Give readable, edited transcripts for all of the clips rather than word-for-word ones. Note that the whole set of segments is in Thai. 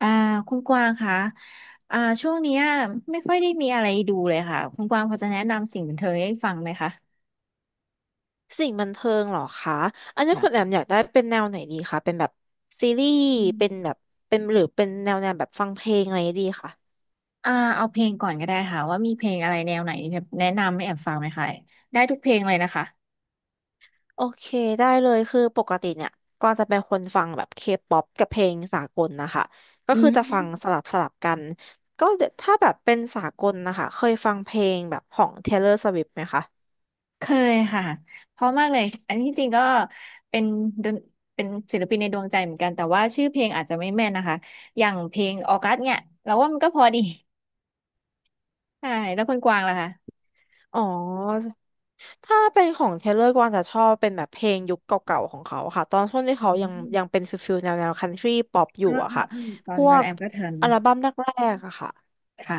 อ่าคุณกวางคะช่วงเนี้ยไม่ค่อยได้มีอะไรดูเลยค่ะคุณกวางพอจะแนะนำสิ่งบันเทิงให้ฟังไหมคะสิ่งบันเทิงเหรอคะ อันนี้แบคุบณแอมอยากได้เป็นแนวไหนดีคะ เป็นแบบซีรีส์อืมเป็นแบบเป็นหรือเป็นแนวแบบฟังเพลงอะไรดีคะ เอาเพลงก่อนก็ได้ค่ะว่ามีเพลงอะไรแนวไหนแนะนำให้แอบฟังไหมคะได้ทุกเพลงเลยนะคะโอเคได้เลยคือปกติเนี่ยก็จะเป็นคนฟังแบบเคป๊อปกับเพลงสากลนะคะ ก็อืคือจะฟังสมลับสลับกัน ก็เดี๋ยวถ้าแบบเป็นสากลนะคะ เคยฟังเพลงแบบของ Taylor Swift ไหมคะ เคยค่ะเพราะมากเลยอันที่จริงก็เป็นดนเป็นศิลปินในดวงใจเหมือนกันแต่ว่าชื่อเพลงอาจจะไม่แม่นนะคะอย่างเพลงออกัสเนี่ยเราว่ามันก็พอดีใช่แล้วคุณกวางล่ะคะอ๋อ ถ้าเป็นของเทเลอร์กวางจะชอบเป็นแบบเพลงยุคเก่าๆของเขาค่ะตอนช่วงที่อืเขายังเป็นมฟิลฟิลแนวคันทรีป๊อปอเอยู่ออะเออค่ะเออตอพนวนั้นกแอมก็ทัน อัลบั้มแรกๆอะค่ะค่ะ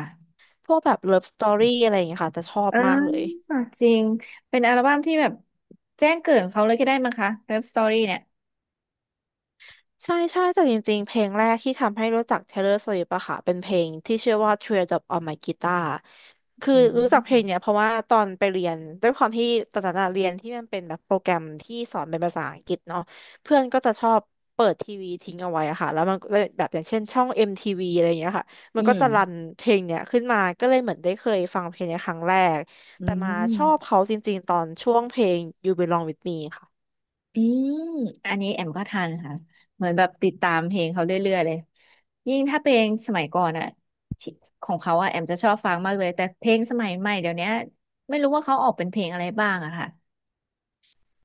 พวกแบบเลิฟสตอรี่อะไรอย่างเงี้ยค่ะจะชอบอ่มากเลย าจริง เป็นอัลบั้มที่แบบแจ้งเกิดของเขาเลยก็ได้มั้งคะ Love Story เนี่ยใช่ใช่แต่จริงๆ เพลงแรกที่ทำให้รู้จัก Taylor Swift อะค่ะเป็นเพลงที่ชื่อว่า Teardrop on My Guitar คืออืรู้จักเพลงเนี้มยเพราะว่าตอนไปเรียนด้วยความที่ตอนนั้นอะเรียนที่มันเป็นแบบโปรแกรมที่สอนเป็นภาษาอังกฤษเนาะเพื่อนก็จะชอบเปิดทีวีทิ้งเอาไว้อะค่ะแล้วมันก็แบบอย่างเช่นช่อง MTV อมทีวีอะไรอย่างเงี้ยค่ะมัอืนก็มจะรันเพลงเนี้ยขึ้นมาก็เลยเหมือนได้เคยฟังเพลงเนี้ยครั้งแรกอืแต่มาชอบมเขาจริงๆตอนช่วงเพลง You Belong With Me ค่ะ อืมอันนี้แอมก็ทันค่ะเหมือนแบบติดตามเพลงเขาเรื่อยๆเลย ยิ่งถ้าเพลงสมัยก่อนอะที่ของเขาอ่ะแอมจะชอบฟังมากเลย แต่เพลงสมัยใหม่เดี๋ยวเนี้ยไม่รู้ว่าเขาออกเป็นเพลงอะไรบ้างอะค่ะ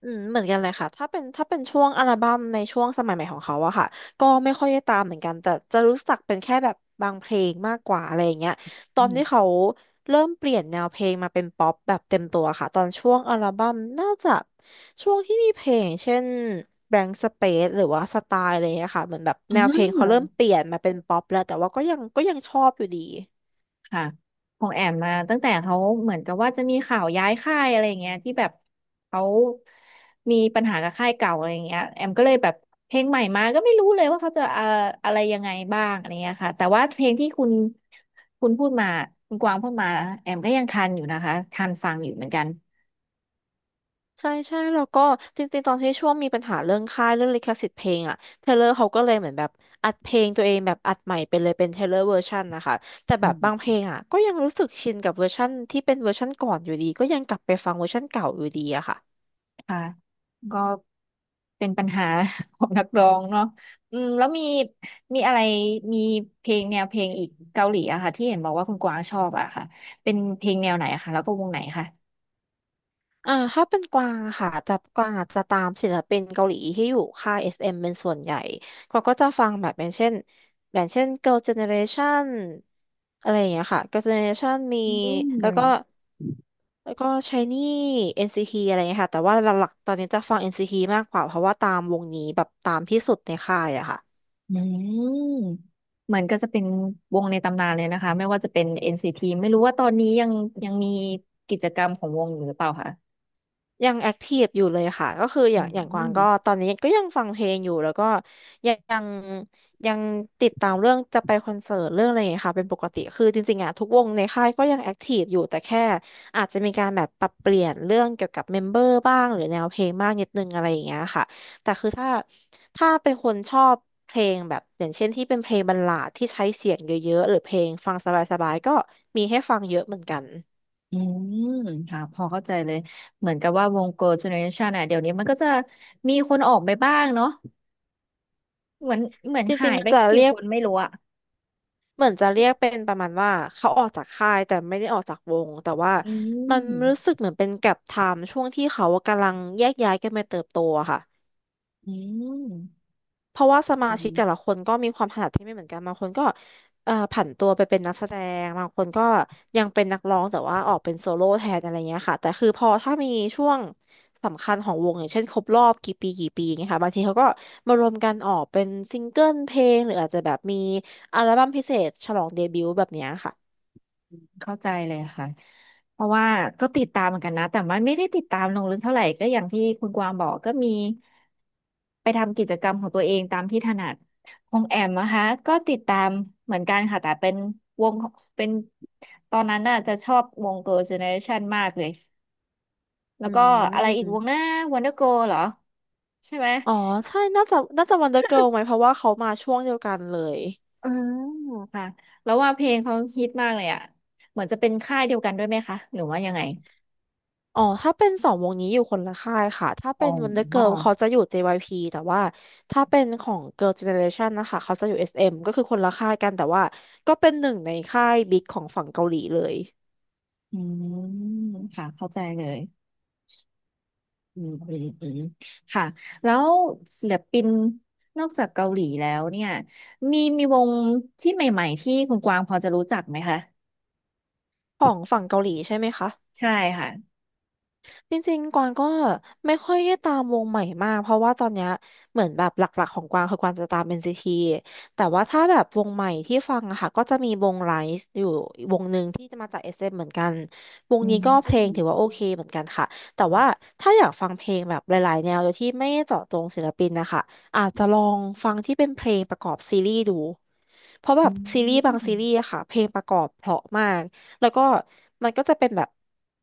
อืมเหมือนกันเลยค่ะ ถ้าเป็นช่วงอัลบั้มในช่วงสมัยใหม่ของเขาอะค่ะก็ไม่ค่อยได้ตามเหมือนกัน แต่จะรู้จักเป็นแค่แบบบางเพลงมากกว่าอะไรอย่างเงี้ย ตออืนที่มเขาเริ่มเปลี่ยนแนวเพลงมาเป็นป๊อปแบบเต็มตัวค่ะ ตอนช่วงอัลบั้มน่าจะช่วงที่มีเพลงเช่น Blank Space หรือว่าสไตล์อะไรอย่างเงี้ยค่ะเหมือนแบบอืแนวเพลงเขาเริ่มเปม ลี่ยนมาเป็นป๊อปแล้วแต่ว่าก็ยังชอบอยู่ดี ค่ะของแอมมาตั้งแต่เขาเหมือนกับว่าจะมีข่าวย้ายค่ายอะไรอย่างเงี้ยที่แบบเขามีปัญหากับค่ายเก่าอะไรอย่างเงี้ยแอมก็เลยแบบเพลงใหม่มาก็ไม่รู้เลยว่าเขาจะอะไรยังไงบ้างอะไรเงี้ยค่ะแต่ว่าเพลงที่คุณพูดมาคุณกวางพูดมาแอมก็ยังทันอยู่นะคะทันฟังอยู่เหมือนกันใช่ใช่แล้วก็จริงๆตอนที่ช่วงมีปัญหาเรื่องค่ายเรื่องลิขสิทธิ์เพลงอะเทเลอร์เขาก็เลยเหมือนแบบอัดเพลงตัวเองแบบอัดใหม่ไปเลยเป็นเทเลอร์เวอร์ชันนะคะแต่แบอืบมบางเพลงอะก็ยังรู้สึกชินกับเวอร์ชันที่เป็นเวอร์ชันก่อนอยู่ดีก็ยังกลับไปฟังเวอร์ชันเก่าอยู่ดีอะค่ะ ค่ะก็ เป็นปัญหา ของนักร้องเนาะอืมแล้วมีมีอะไร มีเพลงแนวเพลงอีกเกาหลีอะค่ะที่เห็นบอกว่าคุณกวางชอบอะค่ะเป็นเพลงแนวไหนอะคะแล้วก็วงไหนคะอ่าถ้าเป็นกวางอะค่ะแต่กวางอาจจะตามศิลปินเกาหลีที่อยู่ค่าย SM เอ็มเป็นส่วนใหญ่กวางก็จะฟังแบบอย่างเช่น Girl Generation อะไรอย่างเงี้ยค่ะ Girl Generation มีอืแล้วมก็แล้วก็ s h i n น e ีทีอะไรอย่างเงี้ยค่ะแต่ว่าหลักๆตอนนี้จะฟัง n c ีทีมากกว่าเพราะว่าตามวงนี้แบบตามที่สุดในค่ายอะค่ะ อืมเหมือนก็จะเป็นวงในตำนานเลยนะคะไม่ว่าจะเป็น NCT ไม่รู้ว่าตอนนี้ยังมีกิจกรรมของวงอยู่หรือเปล่าคะยังแอคทีฟอยู่เลยค่ะก็คือออืย่างอย่างกวางก็มตอนนี้ก็ยังฟังเพลงอยู่แล้วก็ยังยังยังติดตามเรื่องจะไปคอนเสิร์ตเรื่องอะไรอย่างเงี้ยค่ะเป็นปกติคือจริงๆอ่ะทุกวงในค่ายก็ยังแอคทีฟอยู่แต่แค่อาจจะมีการแบบปรับเปลี่ยนเรื่องเกี่ยวกับเมมเบอร์บ้างหรือแนวเพลงบ้างนิดนึงอะไรอย่างเงี้ยค่ะแต่คือถ้าเป็นคนชอบเพลงแบบอย่างเช่นที่เป็นเพลงบัลลาดที่ใช้เสียงเยอะๆหรือเพลงฟังสบายๆก็มีให้ฟังเยอะเหมือนกันอืมค่ะ พอเข้าใจเลย เหมือนกับว่าวง Girl Generation อ่ะเดี๋ยวนี้มันก็จะมีคนออกไปบ้างเนาะ เหมือนเหมือนจหาริงยๆมัไปนจะกี่เรียคก นไม่รู้อะเหมือนจะเรียกเป็นประมาณว่าเขาออกจากค่ายแต่ไม่ได้ออกจากวงแต่ว่าอืมันรู้สึมกเหมือนเป็นแก็ปไทม์ช่วงที่เขากำลังแยกย้ายกันไปเติบโตอะค่ะอืมเพราะว่าสมาอืชิกแต่ละมคนก็มีความถนัดที่ไม่เหมือนกันบางคนก็ผันตัวไปเป็นนักแสดงบางคนก็ยังเป็นนักร้องแต่ว่าออกเป็นโซโล่แทนอะไรเงี้ยค่ะแต่คือพอถ้ามีช่วงสำคัญของวงอย่างเช่นครบรอบกี่ปีอย่างเงี้ยค่ะบางทีเขาก็มารวมกันออกเป็นซิงเกิลเพลงหรืออาจจะแบบมีอัลบั้มพิเศษฉลองเดบิวต์แบบเนี้ยค่ะ เข้าใจเลยค่ะ เพราะว่าก็ติดตามเหมือนกันนะ แต่ว่าไม่ได้ติดตามลงลึกเท่าไหร่ก็อย่างที่คุณกวางบอกก็มีไปทำกิจกรรมของตัวเองตามที่ถนัดของแอมนะคะก็ติดตามเหมือนกันค่ะ แต่เป็นวงของเป็นตอนนั้นน่ะจะชอบวง Girl Generation มากเลย แล้วอืก็อะไรอีกวงหมน้า Wonder Girl เหรอใช่ไหม อ๋อใช่น่าจะวันเดอร์เกิลไหมเพราะว่าเขามาช่วงเดียวกันเลยอืมค่ะแล้วว่าเพลงเขาฮิตมากเลยอ่ะเหมือนจะเป็นค่ายเดียวกันด้วยไหมคะหรือว่ายังไงอ๋อถ้าเป็นสองวงนี้อยู่คนละค่ายค่ะถ้าอ๋อเป็นวันเดอร์เกิลเขาจะอยู่ JYP แต่ว่าถ้าเป็นของ Girl Generation นะคะเขาจะอยู่ SM ก็คือคนละค่ายกันแต่ว่าก็เป็นหนึ่งในค่ายบิ๊กของฝั่งเกาหลีเลยอืมค่ะเข้าใจเลยอืมอืมอืมค่ะแล้วศิลปินนอกจากเกาหลีแล้วเนี่ยมีวงที่ใหม่ๆที่คุณกวางพอจะรู้จักไหมคะของฝั่งเกาหลีใช่ไหมคะใช่ค่ะจริงๆกวางก็ไม่ค่อยได้ตามวงใหม่มากเพราะว่าตอนเนี้ยเหมือนแบบหลักๆของกวางคือกวางจะตาม NCT แต่ว่าถ้าแบบวงใหม่ที่ฟังอะค่ะก็จะมีวงไ i z e วงอืมนี้ก็เพอืลงถือว่าโอเคเหมือนกันค่ะแต่ว่าถ้าอยากฟังเพลงแบบหลายๆแนวโดยที่ไม่เจาะจงศิลปินนะคะอาจจะลองฟังที่เป็นเพลงประกอบซีรีส์ดูเพราะแบบซีรีส์บางมซีรีส์อะค่ะเพลงประกอบเพราะมากแล้วก็มันก็จะเป็นแบบ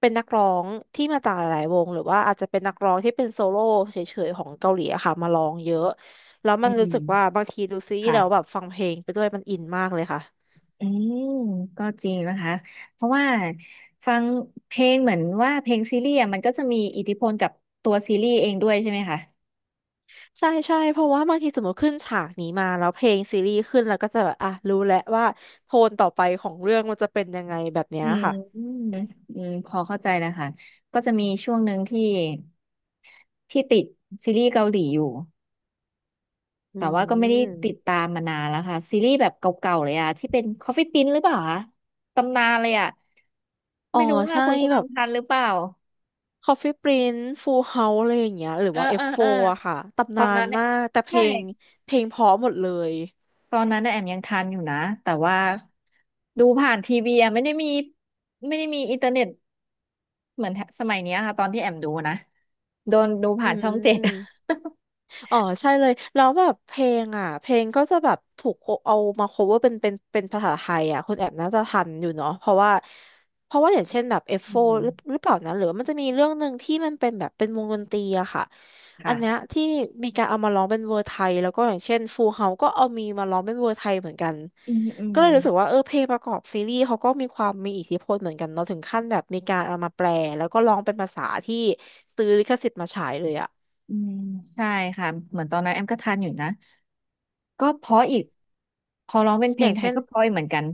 เป็นนักร้องที่มาจากหลายๆวงหรือว่าอาจจะเป็นนักร้องที่เป็นโซโล่เฉยๆของเกาหลีอะค่ะมาร้องเยอะแล้วอืมันรู้มสึกว่าบางทีดูซีรีส์แล้วแบบค่ะ ฟังเพลงไปด้วยมันอินมากเลยค่ะ อืมก็จริงนะคะเพราะว่าฟังเพลงเหมือนว่าเพลงซีรีส์อะมันก็จะมีอิทธิพลกับตัวซีรีส์เองด้วยใช่ไหมคะใช่ใช่เพราะว่าบางทีสมมติขึ้นฉากนี้มาแล้วเพลงซีรีส์ขึ้นแล้วก็จะแบบอ่ะรู้แล้วว่าโทนต่อไปของเรื่องมันจะเป็นยังไงแบบเนี้อืยมค่ะอืมอืมพอเข้าใจแล้วค่ะก็จะมีช่วงหนึ่งที่ติดซีรีส์เกาหลีอยู่อืแต่ว่าก็ไม่ได้ติดมตามมานานแล้วค่ะซีรีส์แบบเก่าๆเลยอะที่เป็น Coffee Prince หรือเปล่าคะตำนานเลยอะอ๋อไม่รู้ว่าใช่คนกแบวางบ ทันหรือเปล่า Coffee Prince Full House อะไรอย่างเงี้ยหรือเออว่า เออเออ F4 อฟโฟร์อะค่ะตตำอนานนนั้นเนี่ยมากแต่เพใช่ ลงเพราะหมดเลยตอนนั้นน่ะแอมยังทันอยู่นะแต่ว่าดูผ่านทีวีอะไม่ได้มีอินเทอร์เน็ตเหมือนสมัยเนี้ยค่ะตอนที่แอมดูนะโดนดูอืผ่านช่องเจ็ด ม อ๋อใช่เลยแล้วแบบเพลงอ่ะเพลงก็จะแบบถูกเอามา cover เป็นภาษาไทยอ่ะคุณแอบน่าจะทันอยู่เนาะเพราะว่าอย่างเช่นแบบเอฟโฟอืร์หมรือหรือเปล่านะหรือว่ามันจะมีเรื่องหนึ่งที่มันเป็นแบบเป็นวงดนตรีอะค่ะอันเนี้ยค่ะที่มีการเอามาร้องเป็นเวอร์ไทยแล้วก็อย่างเช่นฟูเฮาก็เอามีมาร้องเป็นเวอร์ไทยเหมือนกันอืมอืก็มเลยรู้สึกว่าเออเพลงประกอบซีรีส์เขาก็มีความมีอิทธิพลเหมือนกันเนาะถึงขั้นแบบมีการเอามาแปลแล้วก็ร้องเป็นภาษาที่ซื้อลิขสิทธิ์มาฉายเลยอะอืมใช่ค่ะเหมือนตอนนั้นแอมก็ทันอยู่นะก็เพราะอีกพอร้องเป็นเพอลย่างงไทเช่ยน ก็เพราะอีกเหมือนกัน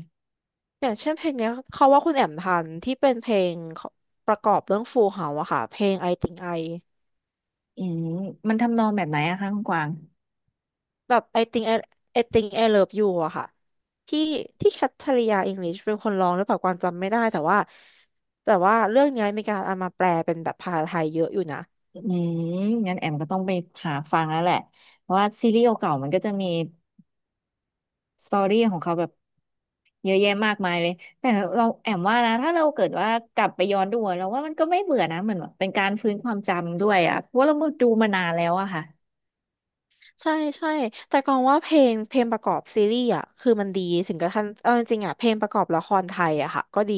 อย่างเช่นเพลงเนี้ยเขาว่าคุณแอมทันที่เป็นเพลงของประกอบเรื่องฟูเฮาอะค่ะเพลง I Think I อืมมันทำนองแบบไหนอะคะคุณกวางแบบ I Think I Love You อะค่ะที่ที่แคทริยาอิงลิชเป็นคนร้องหรือเปล่ากวางจำไม่ได้แต่ว่าแต่ว่าเรื่องเนี้ยมีการเอามาแปลเป็นแบบภาษาไทยเยอะอยู่นะอืมงั้นแอมก็ต้องไปหาฟังแล้วแหละเพราะว่าซีรีส์เก่าๆมันก็จะมี สตอรี่ของเขาแบบเยอะแยะมากมายเลย แต่เราแอมว่านะ ถ้าเราเกิดว่ากลับไปย้อนดูอะเราว่ามันก็ไม่เบื่อนะเหมือนแบบเป็นการฟื้นความจำด้วยอ่ะเพราะว่าเราดูมานานแล้วอะค่ะใช่ใช่แต่กองว่าเพลงประกอบซีรีส์อะคือมันดีถึงกระทั่งเอาจริงๆอะเพลงประกอบละครไทยอะค่ะก็ดี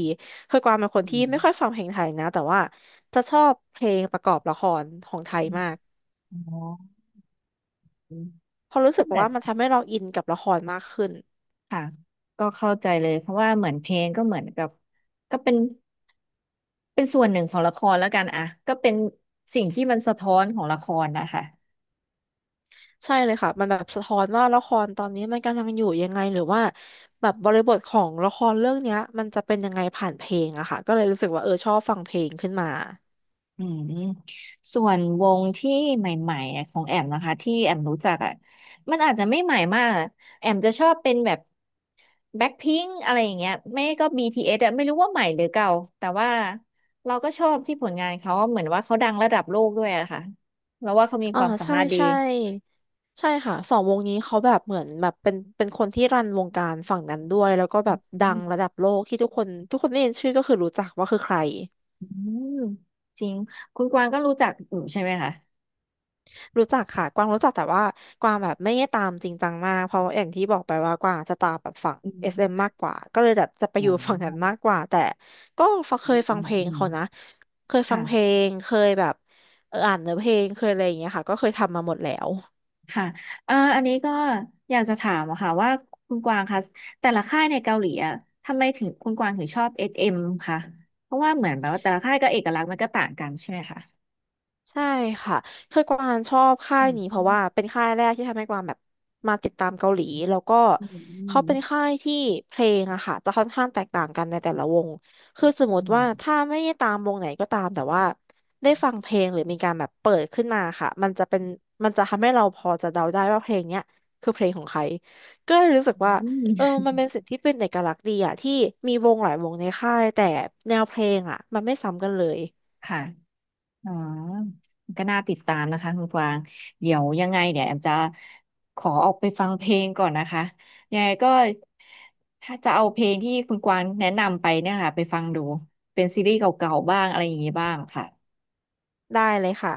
คือกวางเป็นคอืนที่มไม่ค่อยฟังเพลงไทยนะแต่ว่าจะชอบเพลงประกอบละครของไทยอืมมาก อ๋ออืมเพราะรู้ก็สึกเหมือว่านมันทำให้เราอินกับละครมากขึ้นค่ะก็เข้าใจเลย เพราะว่าเหมือนเพลงก็เหมือนกับก็เป็นเป็นส่วนหนึ่งของละครแล้วกันอะก็เป็นสิ่งที่มันสะท้อนของละครนะคะ ใช่เลยค่ะมันแบบสะท้อนว่าละครตอนนี้มันกำลังอยู่ยังไงหรือว่าแบบบริบทของละครเรื่องเนี้ยมันจะเป็นยังไงผ่านเพลงอะค่ะก็เลยรู้สึกว่าเออชอบฟังเพลงขึ้นมาอืมส่วนวงที่ใหม่ๆอะของแอมนะคะที่แอมรู้จักอ่ะมันอาจจะไม่ใหม่มากอะแอมจะชอบเป็นแบบแบ็คพิงค์อะไรอย่างเงี้ยไม่ก็ BTS อสอะไม่รู้ว่าใหม่หรือเก่าแต่ว่าเราก็ชอบที่ผลงานเขาเหมือนว่าเขาดังระดับโลกด้วยอะค่ะแล้วว่าเขามีคอ่าวามสาใช่มารถดีใช่ใช่ค่ะสองวงนี้เขาแบบเหมือนแบบเป็นคนที่รันวงการฝั่งนั้นด้วยแล้วก็แบบดัอืงระมดับโลกที่ทุกคนได้ยินชื่อก็คือรู้จักว่าคือใคร อืมจริงคุณกวางก็รู้จักอยู่ใช่ไหมคะรู้จักค่ะกวางรู้จักแต่ว่ากวางแบบไม่ได้ตามจริงจังมากเพราะอย่างที่บอกไปว่ากวางจะตามแบบฝั่ง อืม SM มมากกว่าก็เลยแบบจะไปอ๋อยู่ฝั่งนั้นมาอกกว่าแต่ก็ฟังเคอืยมฟัอืงมเพลอืงมเขานะเคยฟังเพลค่ะ งเคยแบบอ่านเนื้อเพลงเคยอะไรอย่างเงี้ยค่ะก็เคยทำมาหมดแล้ว ค่ะอันนี้ก็อยากจะถามอะค่ะว่าคุณกวางคะแต่ละค่ายในเกาหลีอะทำไมถึงคุณกวางถึงชอบ SM คะเพราะว่าเหมือนแบบว่าแต่ละค่ายก็เอกลักษณ์มันก็ต่างกันใช่ไหมคะใช่ค่ะคือกวางชอบค่าอืยมนี้เพราะว่าเป็นค่ายแรกที่ทำให้กวางแบบมาติดตามเกาหลีแล้วก็อืเขาเป็นมค่ายที่เพลงอะค่ะจะค่อนข้างแตกต่างกันในแต่ละวงคือสมมอืติมว่าถ้าไม่ได้ตามวงไหนก็ตามแต่ว่าได้ฟังเพลงหรือมีการแบบเปิดขึ้นมาค่ะมันจะเป็นมันจะทำให้เราพอจะเดาได้ว่าเพลงเนี้ยคือเพลงของใครก็เลยรู้สึกอืมว่าอืเออมมันเป็นสิ่งที่เป็นเอกลักษณ์ดีอะที่มีวงหลายวงในค่ายแต่แนวเพลงอะมันไม่ซ้ำกันเลยค่ะอ๋อก็น่าติดตามนะคะคุณกวางเดี๋ยวยังไงเดี๋ยวแอมจะขอออกไปฟังเพลงก่อนนะคะยังไงก็ถ้าจะเอาเพลงที่คุณกวางแนะนำไปเนี่ยค่ะไปฟังดูเป็นซีรีส์เก่าๆบ้างอะไรอย่างนี้บ้างค่ะได้เลยค่ะ